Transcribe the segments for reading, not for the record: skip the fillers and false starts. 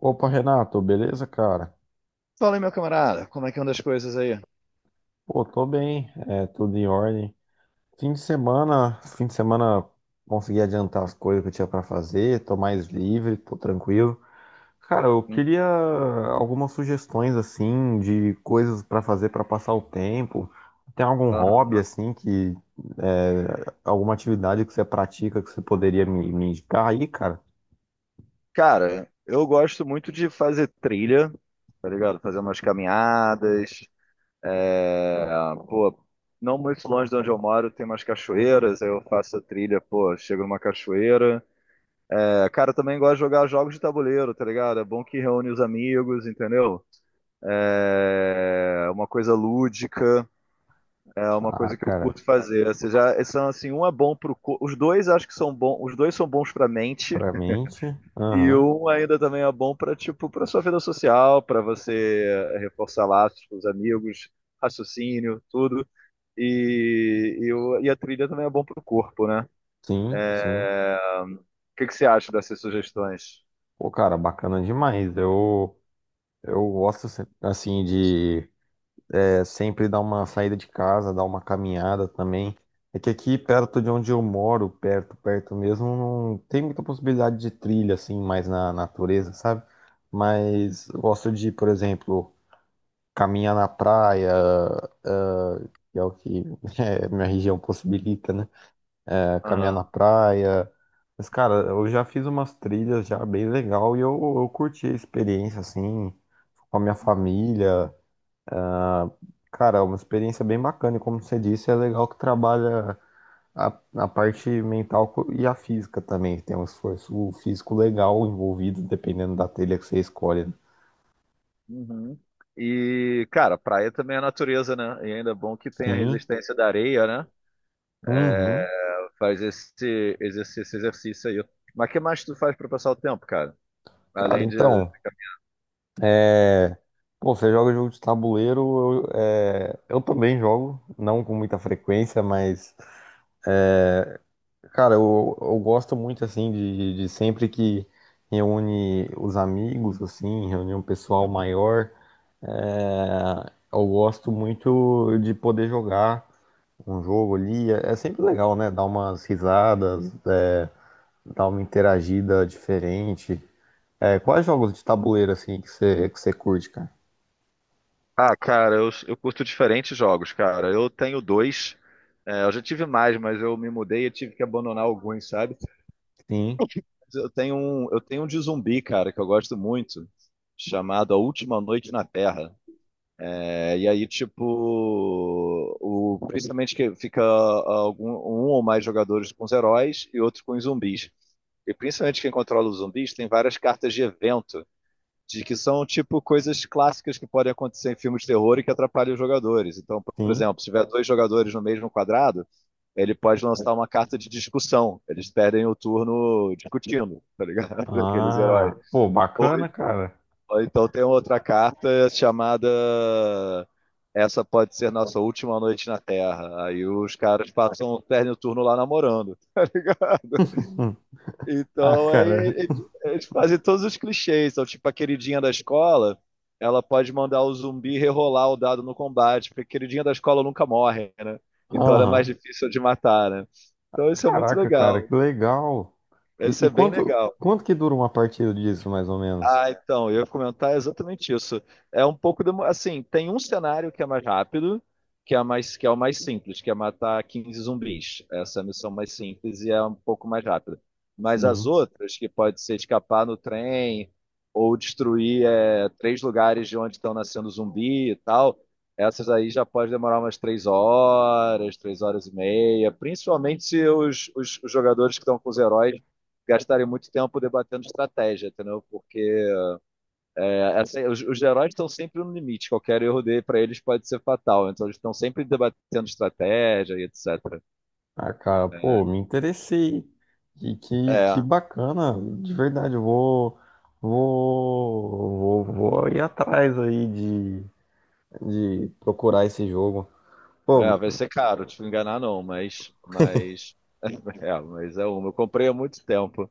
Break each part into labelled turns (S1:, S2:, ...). S1: Opa, Renato, beleza, cara?
S2: Fala aí, meu camarada, como é que anda das coisas aí?
S1: Pô, tô bem, é tudo em ordem. Fim de semana consegui adiantar as coisas que eu tinha pra fazer, tô mais livre, tô tranquilo. Cara, eu queria algumas sugestões assim de coisas pra fazer pra passar o tempo. Tem algum hobby assim que alguma atividade que você pratica que você poderia me indicar aí, cara?
S2: Cara, eu gosto muito de fazer trilha, tá ligado? Fazer umas caminhadas. é, Pô, não muito longe de onde eu moro, tem umas cachoeiras, aí eu faço a trilha, pô, chego numa cachoeira. É, cara, eu também gosto de jogar jogos de tabuleiro, tá ligado? É bom que reúne os amigos, entendeu? É uma coisa lúdica, é uma
S1: Ah,
S2: coisa que eu
S1: cara,
S2: curto fazer. Ou seja, são assim, um é bom pro corpo. Os dois acho que são bons, os dois são bons pra mente.
S1: pra mente,
S2: E
S1: aham.
S2: um ainda também é bom para tipo para sua vida social, para você reforçar laços com os amigos, raciocínio, tudo. E a trilha também é bom para o corpo, né?
S1: Sim, sim.
S2: É, O que que você acha dessas sugestões?
S1: Pô, cara, bacana demais. Eu gosto, assim, de sempre dar uma saída de casa, dar uma caminhada também. É que aqui perto de onde eu moro, perto, perto mesmo, não tem muita possibilidade de trilha, assim, mais na natureza, sabe? Mas eu gosto de, por exemplo, caminhar na praia, ah, que é o que minha região possibilita, né? É, caminhar
S2: Aham.
S1: na praia. Mas, cara, eu já fiz umas trilhas já bem legal e eu curti a experiência, assim, com a minha família. Cara, é uma experiência bem bacana, e como você disse, é legal que trabalha a, a parte mental e a física também, que tem um esforço físico legal envolvido, dependendo da telha que você escolhe, né?
S2: Uhum. E, cara, praia também é natureza, né? E ainda é bom que tem a
S1: Sim,
S2: resistência da areia, né?
S1: uhum.
S2: Faz esse exercício aí. Mas o que mais tu faz para passar o tempo, cara?
S1: Cara,
S2: Além de…
S1: então, pô, você joga jogo de tabuleiro, eu também jogo, não com muita frequência, mas, cara, eu gosto muito, assim, de sempre que reúne os amigos, assim, reúne um pessoal maior. Eu gosto muito de poder jogar um jogo ali. É sempre legal, né? Dar umas risadas, dar uma interagida diferente. Quais jogos de tabuleiro, assim, que você curte, cara?
S2: Ah, cara, eu curto diferentes jogos, cara. Eu tenho dois. É, eu já tive mais, mas eu me mudei e tive que abandonar alguns, sabe?
S1: Sim,
S2: Eu tenho um de zumbi, cara, que eu gosto muito, chamado A Última Noite na Terra. É, e aí, tipo, principalmente que fica um ou mais jogadores com os heróis e outros com os zumbis. E principalmente quem controla os zumbis tem várias cartas de evento de que são tipo coisas clássicas que podem acontecer em filmes de terror e que atrapalham os jogadores. Então, por
S1: sim.
S2: exemplo, se tiver dois jogadores no mesmo quadrado, ele pode lançar uma carta de discussão. Eles perdem o turno discutindo, tá ligado? Aqueles heróis.
S1: Ah, pô,
S2: Ou,
S1: bacana, cara.
S2: ou então tem outra carta chamada: essa pode ser nossa última noite na Terra. Aí os caras passam, perdem o turno lá namorando, tá ligado?
S1: Hum. Ah,
S2: Então, é,
S1: cara.
S2: é, é de é fazer todos os clichês. Então, tipo, a queridinha da escola, ela pode mandar o zumbi rerolar o dado no combate, porque a queridinha da escola nunca morre, né? Então, ela é mais
S1: Aham.
S2: difícil de matar, né? Então, isso é muito
S1: Caraca, cara,
S2: legal.
S1: que legal.
S2: Isso
S1: E
S2: é bem
S1: quanto,
S2: legal.
S1: quanto que dura uma partida disso, mais ou menos?
S2: Ah, então, eu ia comentar exatamente isso. É um pouco demo- assim, tem um cenário que é mais rápido, que é o mais simples, que é matar 15 zumbis. Essa é a missão mais simples e é um pouco mais rápida. Mas as
S1: Sim.
S2: outras, que pode ser escapar no trem ou destruir 3 lugares de onde estão nascendo zumbi e tal, essas aí já pode demorar umas 3 horas, 3 horas e meia, principalmente se os jogadores que estão com os heróis gastarem muito tempo debatendo estratégia, entendeu? Porque é assim, os heróis estão sempre no limite, qualquer erro dele para eles pode ser fatal, então eles estão sempre debatendo estratégia e etc.
S1: Ah, cara, pô, me interessei. E que
S2: É,
S1: bacana, de verdade, eu vou ir atrás aí de procurar esse jogo. Pô,
S2: Vai ser caro, te enganar não, mas é uma. Eu comprei há muito tempo,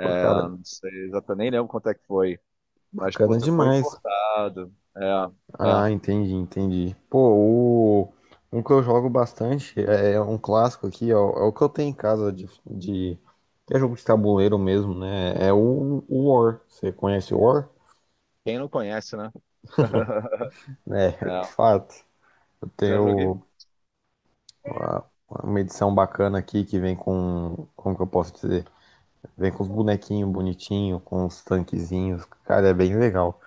S1: pô, cara,
S2: não sei, exatamente, nem lembro quanto é que foi, mas
S1: bacana
S2: puta, foi
S1: demais.
S2: importado,
S1: Ah, entendi, entendi. Pô, um que eu jogo bastante é um clássico aqui, é o que eu tenho em casa que é jogo de tabuleiro mesmo, né? É o War. Você conhece o War?
S2: quem não conhece, né?
S1: É,
S2: É,
S1: de fato. Eu
S2: já joguei.
S1: tenho. Uma uma edição bacana aqui que vem com, como que eu posso dizer? Vem com os bonequinhos bonitinhos, com os tanquezinhos, cara, é bem legal.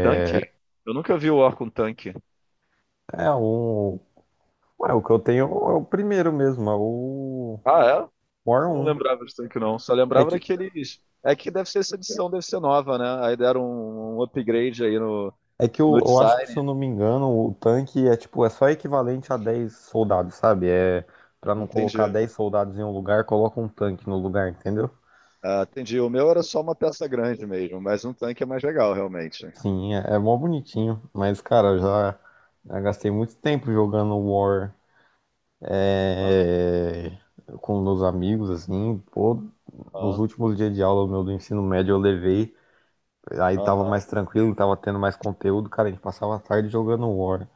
S2: Tanque, eu nunca vi o War com tanque.
S1: É o, o que eu tenho é o primeiro mesmo, é o
S2: Ah, é?
S1: War
S2: Não
S1: um.
S2: lembrava disso tanque não. Só
S1: É
S2: lembrava
S1: que,
S2: daqueles. É que deve ser essa edição, deve ser nova, né? Aí deram um upgrade aí no,
S1: é que eu,
S2: no
S1: eu acho que, se
S2: design.
S1: eu não me engano, o tanque é tipo, é só equivalente a 10 soldados, sabe? É pra não colocar
S2: Entendi.
S1: 10 soldados em um lugar, coloca um tanque no lugar, entendeu?
S2: Ah, entendi. O meu era só uma peça grande mesmo, mas um tanque é mais legal, realmente.
S1: Sim, é mó bonitinho, mas cara, eu já gastei muito tempo jogando War, é, com meus amigos, assim, pô, nos
S2: Aham,
S1: últimos dias de aula meu do ensino médio eu levei, aí tava
S2: aham.
S1: mais tranquilo, tava tendo mais conteúdo, cara, a gente passava a tarde jogando War.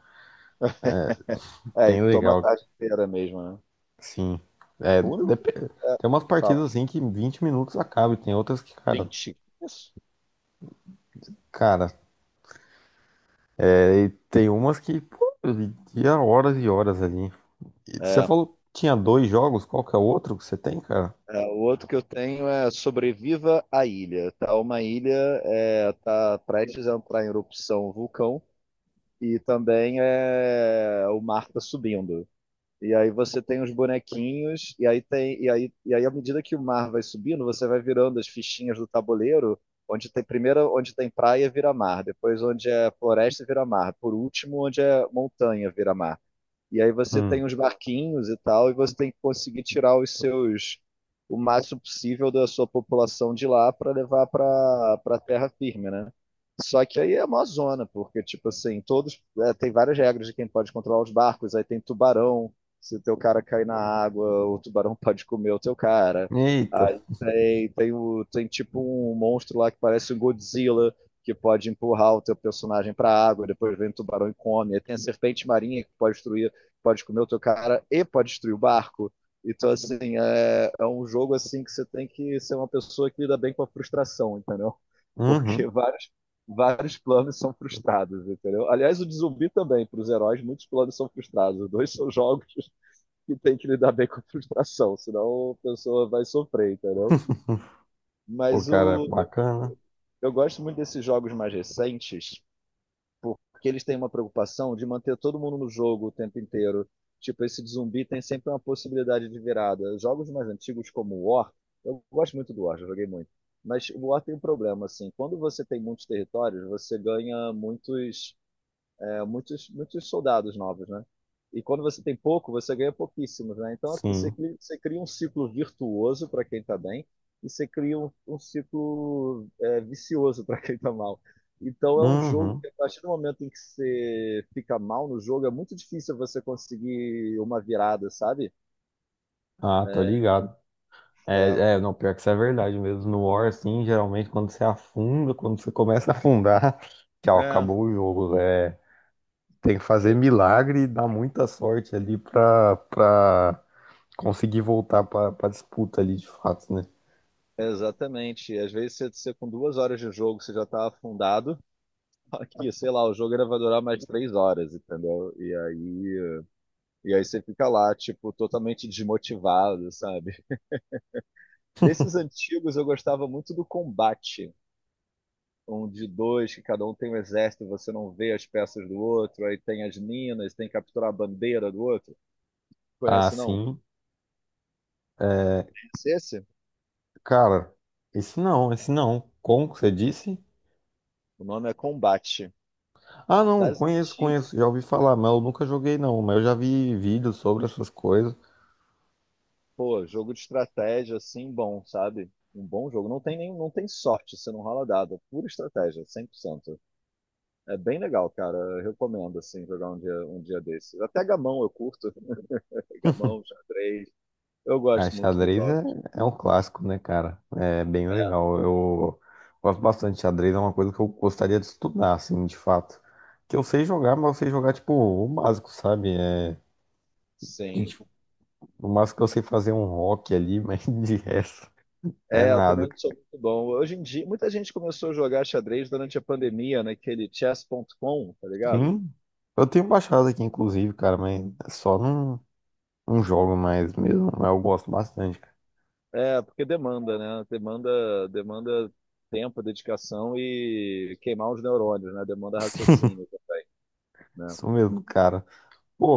S2: É, e
S1: Bem
S2: toma a
S1: legal,
S2: tarde inteira mesmo, né?
S1: sim. É,
S2: O único.
S1: dep-
S2: É,
S1: Tem umas
S2: fala,
S1: partidas assim que em 20 minutos acaba, e tem outras que, cara,
S2: 20? Isso.
S1: cara, é, e tem umas que, pô, ia horas e horas ali. E você
S2: É,
S1: falou que tinha dois jogos, qual que é o outro que você tem, cara?
S2: o outro que eu tenho é Sobreviva à Ilha. Tá uma ilha, é, tá prestes a entrar em erupção um vulcão. E também é o mar tá subindo. E aí você tem os bonequinhos, e aí tem, e aí à medida que o mar vai subindo, você vai virando as fichinhas do tabuleiro, onde tem primeiro onde tem praia vira mar, depois onde é floresta vira mar, por último onde é montanha vira mar. E aí você tem
S1: Hum.
S2: uns barquinhos e tal, e você tem que conseguir tirar os seus o máximo possível da sua população de lá para levar para para terra firme, né? Só que aí é uma zona, porque tipo assim, todos é, tem várias regras de quem pode controlar os barcos, aí tem tubarão, se o teu cara cair na água, o tubarão pode comer o teu cara.
S1: Eita.
S2: Aí tem tipo um monstro lá que parece um Godzilla, que pode empurrar o teu personagem para a água, depois vem o tubarão e come. Aí tem a serpente marinha que pode destruir, pode comer o teu cara e pode destruir o barco. Então, assim, é, é um jogo assim que você tem que ser uma pessoa que lida bem com a frustração, entendeu? Porque
S1: Uhum.
S2: vários planos são frustrados, entendeu? Aliás, o de zumbi também, para os heróis, muitos planos são frustrados. Os dois são jogos que tem que lidar bem com a frustração, senão a pessoa vai sofrer, entendeu?
S1: Pô,
S2: Mas
S1: cara,
S2: o,
S1: bacana.
S2: eu gosto muito desses jogos mais recentes, porque eles têm uma preocupação de manter todo mundo no jogo o tempo inteiro. Tipo, esse de zumbi tem sempre uma possibilidade de virada. Jogos mais antigos como o War, eu gosto muito do War, já joguei muito. Mas o War tem um problema, assim. Quando você tem muitos territórios, você ganha muitos muitos soldados novos, né? E quando você tem pouco, você ganha pouquíssimos, né? Então
S1: Sim.
S2: você cria um ciclo virtuoso para quem está bem e você cria um ciclo vicioso para quem está mal. Então é um jogo
S1: Uhum.
S2: que a partir do momento em que você fica mal no jogo, é muito difícil você conseguir uma virada, sabe?
S1: Ah, tô
S2: É,
S1: ligado.
S2: é,
S1: É, não, pior que isso é verdade mesmo. No War, assim, geralmente quando você afunda, quando você começa a afundar, tchau,
S2: é,
S1: acabou o jogo. É, tem que fazer
S2: é,
S1: milagre e dar muita sorte ali pra, pra conseguir voltar pra disputa ali, de fato, né?
S2: Exatamente. Às vezes você com 2 horas de jogo você já tá afundado. Aqui, sei lá, o jogo era vai durar mais 3 horas, entendeu? E aí você fica lá, tipo, totalmente desmotivado, sabe? Desses antigos eu gostava muito do combate. Um de dois, que cada um tem um exército, você não vê as peças do outro, aí tem as minas, tem que capturar a bandeira do outro.
S1: Ah,
S2: Conhece não?
S1: sim. É,
S2: Conhece esse?
S1: Cara, esse não, esse não. Como que você disse?
S2: O nome é Combate.
S1: Ah, não,
S2: Das
S1: conheço,
S2: antigas,
S1: conheço. Já ouvi falar, mas eu nunca joguei, não. Mas eu já vi vídeos sobre essas coisas.
S2: pô, jogo de estratégia, assim, bom, sabe? Um bom jogo. Não tem nem, não tem sorte, você não rola dado, é pura estratégia, 100%. É bem legal, cara. Eu recomendo, assim, jogar um dia desses. Até gamão eu curto. Gamão, xadrez. Eu
S1: A
S2: gosto muito dos
S1: xadrez
S2: jogos.
S1: é um clássico, né, cara? É bem legal. Eu gosto bastante de xadrez, é uma coisa que eu gostaria de estudar, assim, de fato. Que eu sei jogar, mas eu sei jogar, tipo, o básico, sabe? De-
S2: Sim.
S1: de- o básico que eu sei fazer é um rock ali, mas de resto é
S2: É, eu também
S1: nada.
S2: não sou muito bom. Hoje em dia, muita gente começou a jogar xadrez durante a pandemia, naquele chess.com, tá ligado?
S1: Sim, eu tenho baixado aqui, inclusive, cara, mas é só não jogo mais mesmo. Mas eu gosto bastante, cara.
S2: É, porque demanda, né? Demanda tempo, dedicação e queimar os neurônios, né? Demanda raciocínio, né?
S1: Isso mesmo, cara.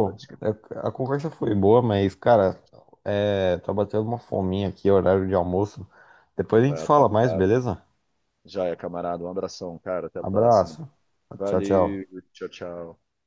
S2: Pra desca-,
S1: a conversa foi boa, mas, cara, tá batendo uma fominha aqui, horário de almoço. Depois a gente
S2: pra
S1: fala mais,
S2: atuar.
S1: beleza?
S2: Já é, camarada. Um abração, cara. Até a próxima.
S1: Abraço. Tchau,
S2: Valeu.
S1: tchau.
S2: Tchau, tchau.